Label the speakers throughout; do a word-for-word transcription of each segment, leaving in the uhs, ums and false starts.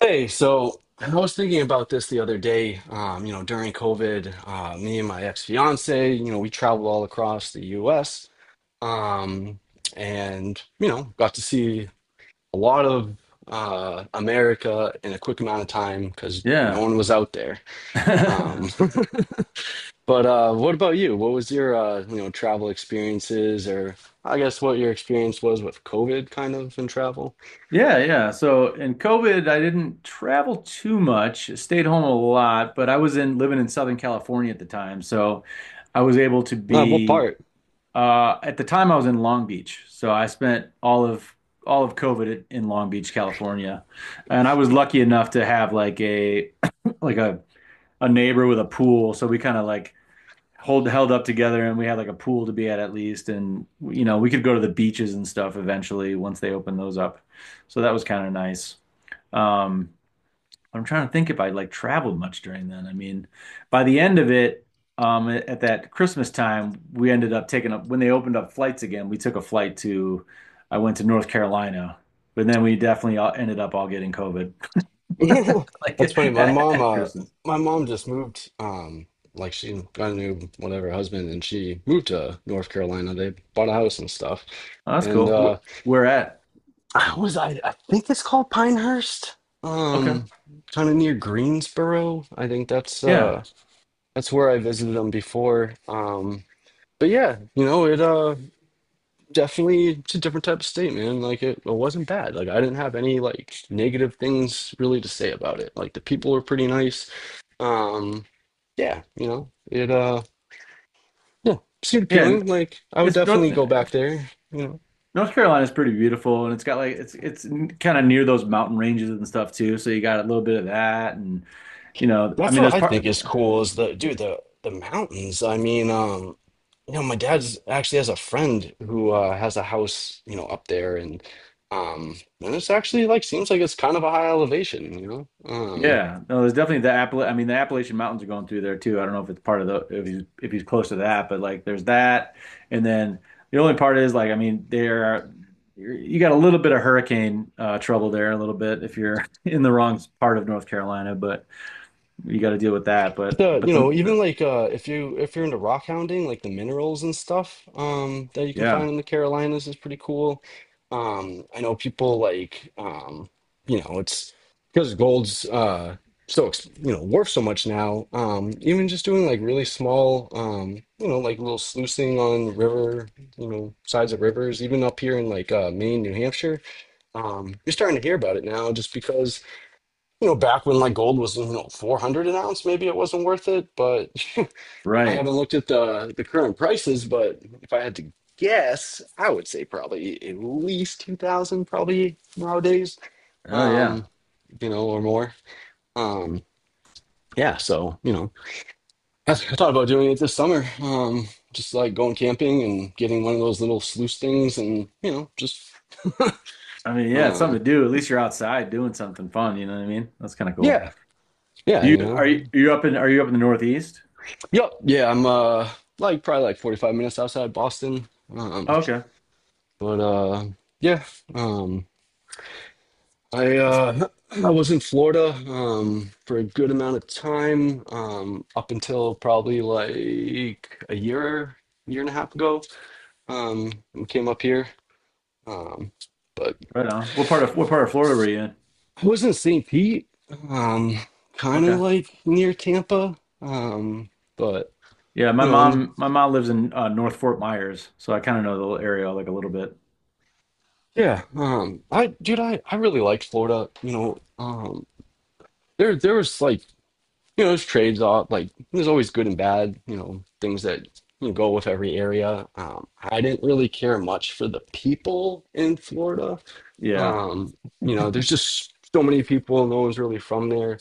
Speaker 1: Hey, so I was thinking about this the other day. Um, you know, during COVID, uh, me and my ex-fiance, you know, we traveled all across the U S. Um, and you know, got to see a lot of uh, America in a quick amount of time because no
Speaker 2: Yeah.
Speaker 1: one was out there. Um, but uh, what about you? What was your uh, you know, travel experiences, or I guess what your experience was with COVID, kind of in travel?
Speaker 2: Yeah, yeah. So in COVID, I didn't travel too much, stayed home a lot, but I was in living in Southern California at the time. So I was able to
Speaker 1: Uh, what
Speaker 2: be
Speaker 1: part?
Speaker 2: uh at the time I was in Long Beach. So I spent all of all of COVID at- in Long Beach, California. And I was lucky enough to have like a like a a neighbor with a pool, so we kind of like hold held up together, and we had like a pool to be at at least. And you know we could go to the beaches and stuff eventually once they opened those up, so that was kind of nice. um I'm trying to think if I like traveled much during then. I mean, by the end of it, um at at that Christmas time we ended up taking up when they opened up flights again, we took a flight to, I went to North Carolina, but then we definitely all ended up all getting COVID like
Speaker 1: That's funny. My
Speaker 2: at,
Speaker 1: mom,
Speaker 2: at
Speaker 1: uh,
Speaker 2: Christmas.
Speaker 1: my mom just moved. Um, like she got a new whatever husband, and she moved to North Carolina. They bought a house and stuff.
Speaker 2: Oh, that's
Speaker 1: And uh,
Speaker 2: cool. Wh- where at?
Speaker 1: I was I, I think it's called Pinehurst.
Speaker 2: Okay.
Speaker 1: Um, Kind of near Greensboro. I think that's
Speaker 2: Yeah,
Speaker 1: uh that's where I visited them before. Um, but yeah, you know it. Uh, definitely it's a different type of state, man. Like it, it wasn't bad. Like I didn't have any like negative things really to say about it. Like the people were pretty nice. Um, yeah, you know, it uh yeah, Seemed
Speaker 2: yeah. And
Speaker 1: appealing. Like I would
Speaker 2: it's north
Speaker 1: definitely go back
Speaker 2: it's
Speaker 1: there, you know.
Speaker 2: North Carolina is pretty beautiful, and it's got like it's it's kind of near those mountain ranges and stuff too. So you got a little bit of that. And you know, I
Speaker 1: That's
Speaker 2: mean,
Speaker 1: what
Speaker 2: there's
Speaker 1: I
Speaker 2: part.
Speaker 1: think is cool is the dude, the the mountains. I mean, um, you know, my dad's actually has a friend who uh has a house, you know, up there and um and it's actually like seems like it's kind of a high elevation, you know. Um
Speaker 2: Yeah, no, there's definitely the Appala. I mean, the Appalachian Mountains are going through there too. I don't know if it's part of the, if he's if he's close to that, but like there's that, and then the only part is like, I mean, there are you got a little bit of hurricane uh, trouble there a little bit if you're in the wrong part of North Carolina. But you got to deal with that. But
Speaker 1: The,
Speaker 2: but
Speaker 1: you
Speaker 2: the,
Speaker 1: know, even
Speaker 2: the
Speaker 1: like uh If you if you're into rock hounding, like the minerals and stuff um that you can
Speaker 2: Yeah.
Speaker 1: find in the Carolinas is pretty cool. Um I know people like um you know, it's because gold's uh so ex- you know, worth so much now. Um even just doing like really small um you know, like little sluicing on river, you know, sides of rivers, even up here in like uh Maine, New Hampshire. Um you're starting to hear about it now just because you know, back when like gold was, you know, four hundred an ounce, maybe it wasn't worth it, but I
Speaker 2: Right.
Speaker 1: haven't looked at the the current prices, but if I had to guess, I would say probably at least two thousand probably nowadays.
Speaker 2: Oh yeah.
Speaker 1: Um, you know, or more. Um, yeah, so, you know, I, I thought about doing it this summer. Um, just like going camping and getting one of those little sluice things and, you know, just
Speaker 2: I mean, yeah, it's something
Speaker 1: um
Speaker 2: to do. At least you're outside doing something fun. You know what I mean? That's kind of cool.
Speaker 1: yeah, yeah,
Speaker 2: Do you
Speaker 1: you
Speaker 2: are
Speaker 1: know.
Speaker 2: you are you up in are you up in the Northeast?
Speaker 1: Yep. Yeah, I'm uh like probably like forty-five minutes outside Boston. Um
Speaker 2: Oh, okay,
Speaker 1: but uh yeah, um I
Speaker 2: that's
Speaker 1: uh I was in Florida um for a good amount of time um up until probably like a year year and a half ago. Um and came up here. Um but
Speaker 2: right on. What part of what part of Florida were you in?
Speaker 1: I was in saint Pete um kind of
Speaker 2: Okay,
Speaker 1: like near Tampa. Um but
Speaker 2: yeah, my
Speaker 1: you know, on the
Speaker 2: mom my mom lives in uh, North Fort Myers, so I kind of know the little area like a little bit.
Speaker 1: Yeah, um, I dude, I, I really liked Florida. You know, um, there there was like you know, there's trades off. Like there's always good and bad. You know, things that you know, go with every area. Um, I didn't really care much for the people in Florida.
Speaker 2: Yeah,
Speaker 1: Um, you know, there's just so many people. No one's really from there.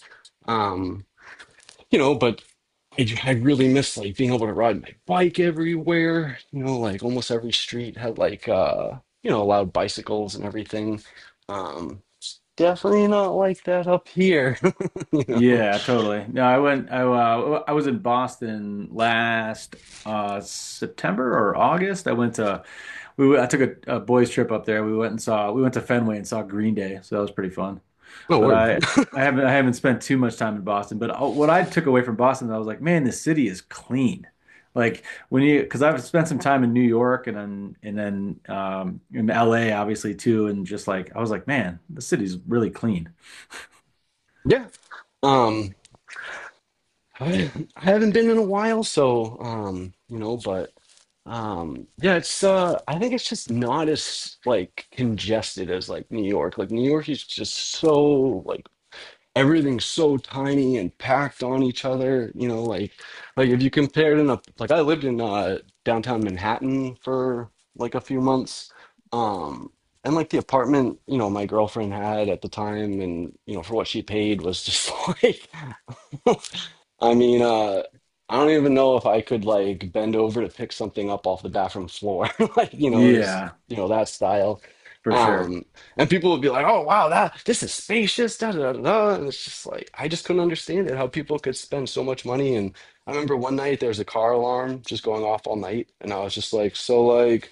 Speaker 1: Um, you know, but I, j- I really miss like being able to ride my bike everywhere. You know, like almost every street had like uh, you know, allowed bicycles and everything. Um, Definitely not like that up here. You know,
Speaker 2: yeah, totally. No, I went. I uh, I was in Boston last uh September or August. I went to, we went- I took a, a boys trip up there. We went and saw we went to Fenway and saw Green Day, so that was pretty fun.
Speaker 1: no
Speaker 2: But
Speaker 1: word.
Speaker 2: I, I haven't, I haven't spent too much time in Boston. But uh, what I took away from Boston, I was like, man, this city is clean. Like when you, because I've spent some time in New York, and then and then um, in L A obviously too, and just like I was like, man, the city's really clean.
Speaker 1: Yeah. Um, I, I haven't been in a while, so um, you know, but um, yeah, it's uh, I think it's just not as like congested as like New York. Like New York is just so like everything's so tiny and packed on each other you know like like if you compared in a like I lived in uh downtown manhattan for like a few months um and like the apartment you know my girlfriend had at the time and you know for what she paid was just like I mean, uh, I don't even know if I could like bend over to pick something up off the bathroom floor. Like, you know, is
Speaker 2: Yeah,
Speaker 1: you know that style.
Speaker 2: for sure.
Speaker 1: Um, and people would be like, "Oh, wow, that this is spacious." Da, da, da, da. And it's just like I just couldn't understand it how people could spend so much money. And I remember one night there was a car alarm just going off all night, and I was just like, "So like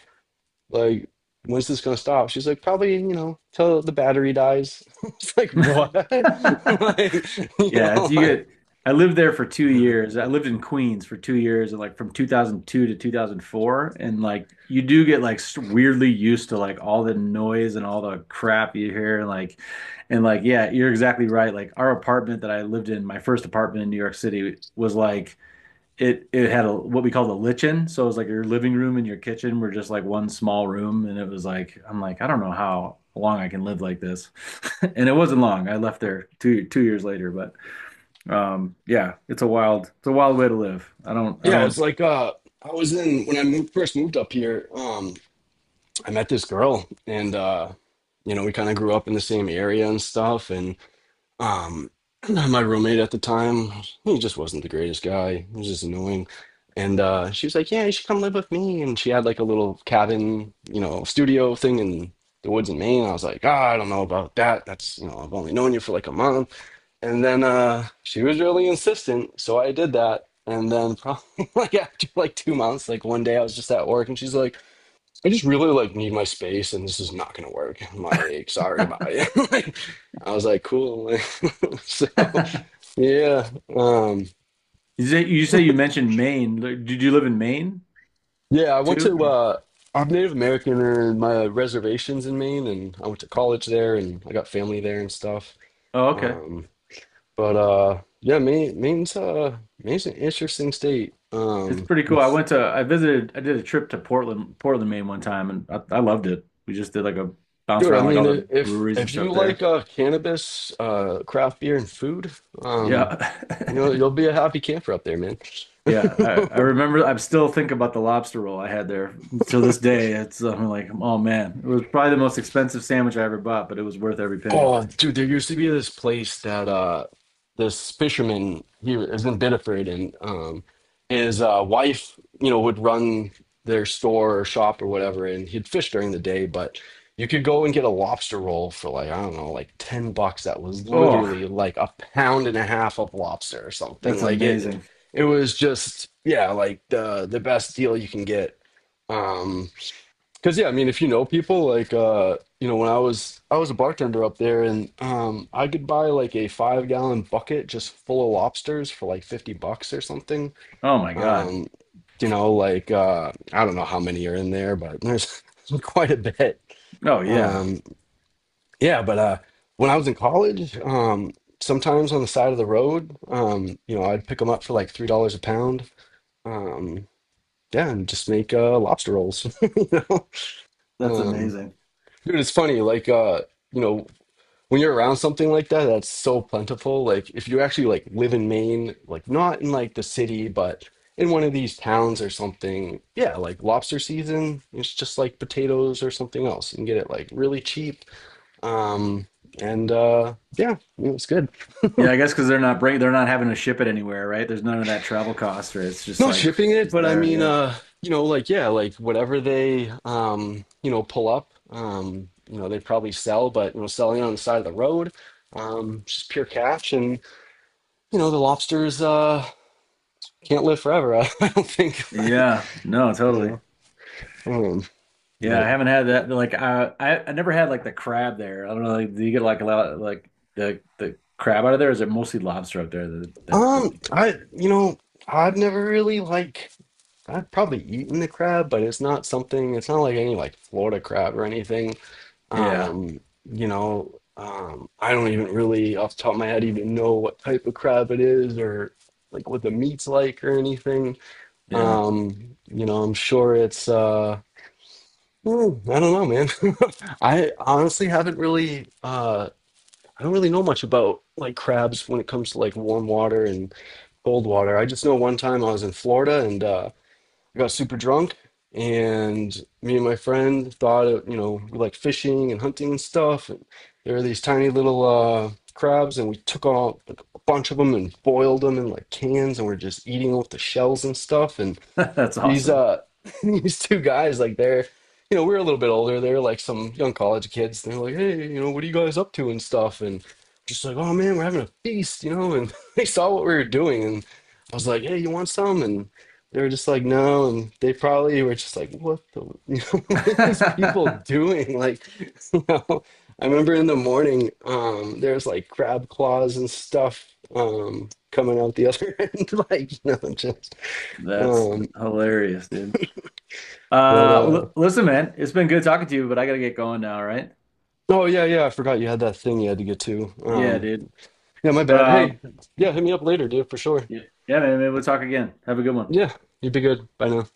Speaker 1: like." When's this gonna stop? She's like, probably, you know, till the battery dies. It's like, what? Like, you
Speaker 2: Yeah, it's
Speaker 1: know,
Speaker 2: you get. I lived there for two
Speaker 1: Yeah,
Speaker 2: years. I lived in Queens for two years, and like from two thousand two to two thousand four, and like you do get like s- weirdly used to like all the noise and all the crap you hear. And like, and like yeah, you're exactly right. Like our apartment that I lived in, my first apartment in New York City was like, it it had a, what we called a lichen, so it was like your living room and your kitchen were just like one small room, and it was like, I'm like, I don't know how long I can live like this. And it wasn't long. I left there two two years later, but. Um, yeah, it's a wild, it's a wild way to live. I don't.
Speaker 1: it's like uh I was in when I moved first moved up here, um I met this girl and uh you know, we kind of grew up in the same area and stuff and um my roommate at the time, he just wasn't the greatest guy. He was just annoying. And uh she was like, "Yeah, you should come live with me." And she had like a little cabin, you know, studio thing in the woods in Maine. I was like, "Ah, I don't know about that. That's, you know, I've only known you for like a month." And then uh, she was really insistent, so I did that. And then probably like after like two months, like one day I was just at work, and she's like, "I just really like need my space, and this is not gonna work." I'm like, "Sorry,
Speaker 2: I
Speaker 1: bye." like, I was like, "Cool." so
Speaker 2: don't.
Speaker 1: yeah, um,
Speaker 2: You say you say you mentioned Maine. Like, did you live in Maine
Speaker 1: yeah. I went
Speaker 2: too?
Speaker 1: to
Speaker 2: Or-
Speaker 1: uh, I'm Native American, and my reservations in Maine, and I went to college there, and I got family there and stuff.
Speaker 2: Oh, okay.
Speaker 1: Um, but uh, yeah, Maine, Maine's uh, Maine's an interesting state.
Speaker 2: It's
Speaker 1: Um,
Speaker 2: pretty cool. I went to, I visited, I did a trip to Portland, Portland, Maine one time, and I, I loved it. We just did like a bounce
Speaker 1: Dude, I
Speaker 2: around, like
Speaker 1: mean,
Speaker 2: all the
Speaker 1: i- if
Speaker 2: breweries and
Speaker 1: if you
Speaker 2: stuff
Speaker 1: like
Speaker 2: there.
Speaker 1: uh, cannabis, uh, craft beer, and food,
Speaker 2: Yeah.
Speaker 1: um, you know, you'll be a happy camper up there, man.
Speaker 2: Yeah, I, I remember. I still think about the lobster roll I had there till this day. It's, I'm like, oh man, it was probably the most expensive sandwich I ever bought, but it was worth every penny.
Speaker 1: Oh, dude, there used to be this place that uh this fisherman here is in Biddeford and um his uh wife, you know, would run their store or shop or whatever and he'd fish during the day, but you could go and get a lobster roll for like, I don't know, like ten bucks that was
Speaker 2: Oh,
Speaker 1: literally like a pound and a half of lobster or something.
Speaker 2: that's
Speaker 1: Like it
Speaker 2: amazing.
Speaker 1: it was just yeah, like the the best deal you can get. Um Cause yeah, I mean, if you know people, like uh, you know, when I was I was a bartender up there, and um, I could buy like a five gallon bucket just full of lobsters for like fifty bucks or something.
Speaker 2: Oh my God.
Speaker 1: Um, you know, like uh, I don't know how many are in there, but there's quite a bit.
Speaker 2: Oh yeah.
Speaker 1: Um, yeah, but uh, when I was in college, um, sometimes on the side of the road, um, you know, I'd pick them up for like three dollars a pound. Um, yeah, and just make uh, lobster rolls. You know,
Speaker 2: That's
Speaker 1: um,
Speaker 2: amazing.
Speaker 1: Dude, it's funny, like uh, you know, when you're around something like that, that's so plentiful. Like if you actually like live in Maine, like not in like the city, but in one of these towns or something, yeah, like lobster season, it's just like potatoes or something else. You can get it like really cheap. Um, and uh yeah, you know, it's good.
Speaker 2: Yeah, I guess because they're not bring they're not having to ship it anywhere, right? There's none of that travel cost, right? It's just
Speaker 1: Not
Speaker 2: like
Speaker 1: shipping it,
Speaker 2: just
Speaker 1: but I
Speaker 2: there.
Speaker 1: mean,
Speaker 2: Yeah.
Speaker 1: uh, you know, like yeah, like whatever they, um, you know, pull up, um, you know, they probably sell, but you know, selling it on the side of the road, um, just pure cash, and you know, the lobsters uh can't live forever. I don't think, like,
Speaker 2: Yeah. No,
Speaker 1: you
Speaker 2: totally.
Speaker 1: know, um,
Speaker 2: Yeah, I
Speaker 1: but
Speaker 2: haven't had that. Like, I I, I never had like the crab there. I don't know. Like, do you get like a lot, like the the crab out of there? Or is it mostly lobster up there? That that, that
Speaker 1: um,
Speaker 2: thing?
Speaker 1: I, you know, I've never really like, I've probably eaten the crab, but it's not something. It's not like any like Florida crab or anything.
Speaker 2: Yeah.
Speaker 1: Um, you know, um, I don't even really, off the top of my head, even know what type of crab it is or like what the meat's like or anything.
Speaker 2: Yeah.
Speaker 1: Um, you know, I'm sure it's, uh, hmm, I don't know, man. I honestly haven't really, uh, I don't really know much about like crabs when it comes to like warm water and cold water. I just know one time I was in Florida and. uh, I got super drunk, and me and my friend thought, of, you know, we like fishing and hunting and stuff. And there were these tiny little uh, crabs, and we took all like, a bunch of them and boiled them in like cans, and we're just eating them with the shells and stuff. And
Speaker 2: That's
Speaker 1: these
Speaker 2: awesome.
Speaker 1: uh these two guys like they're you know we we're a little bit older they're like some young college kids they're like hey you know what are you guys up to and stuff and just like oh man we're having a feast you know and they saw what we were doing and I was like hey you want some and they were just like no and they probably were just like what the you know what are these people doing like you know I remember in the morning um there's like crab claws and stuff um coming out the other end like you know just
Speaker 2: That's
Speaker 1: um.
Speaker 2: hilarious, dude.
Speaker 1: But
Speaker 2: Uh,
Speaker 1: uh
Speaker 2: well, listen, man, it's been good talking to you, but I gotta get going now, all right?
Speaker 1: oh yeah, yeah, I forgot you had that thing you had to get to.
Speaker 2: Yeah,
Speaker 1: Um
Speaker 2: dude.
Speaker 1: yeah, my
Speaker 2: But
Speaker 1: bad.
Speaker 2: uh,
Speaker 1: Hey, yeah, hit me up later, dude, for sure.
Speaker 2: Yeah. Yeah, man, maybe we'll talk again. Have a good one.
Speaker 1: Yeah, you'd be good. Bye now.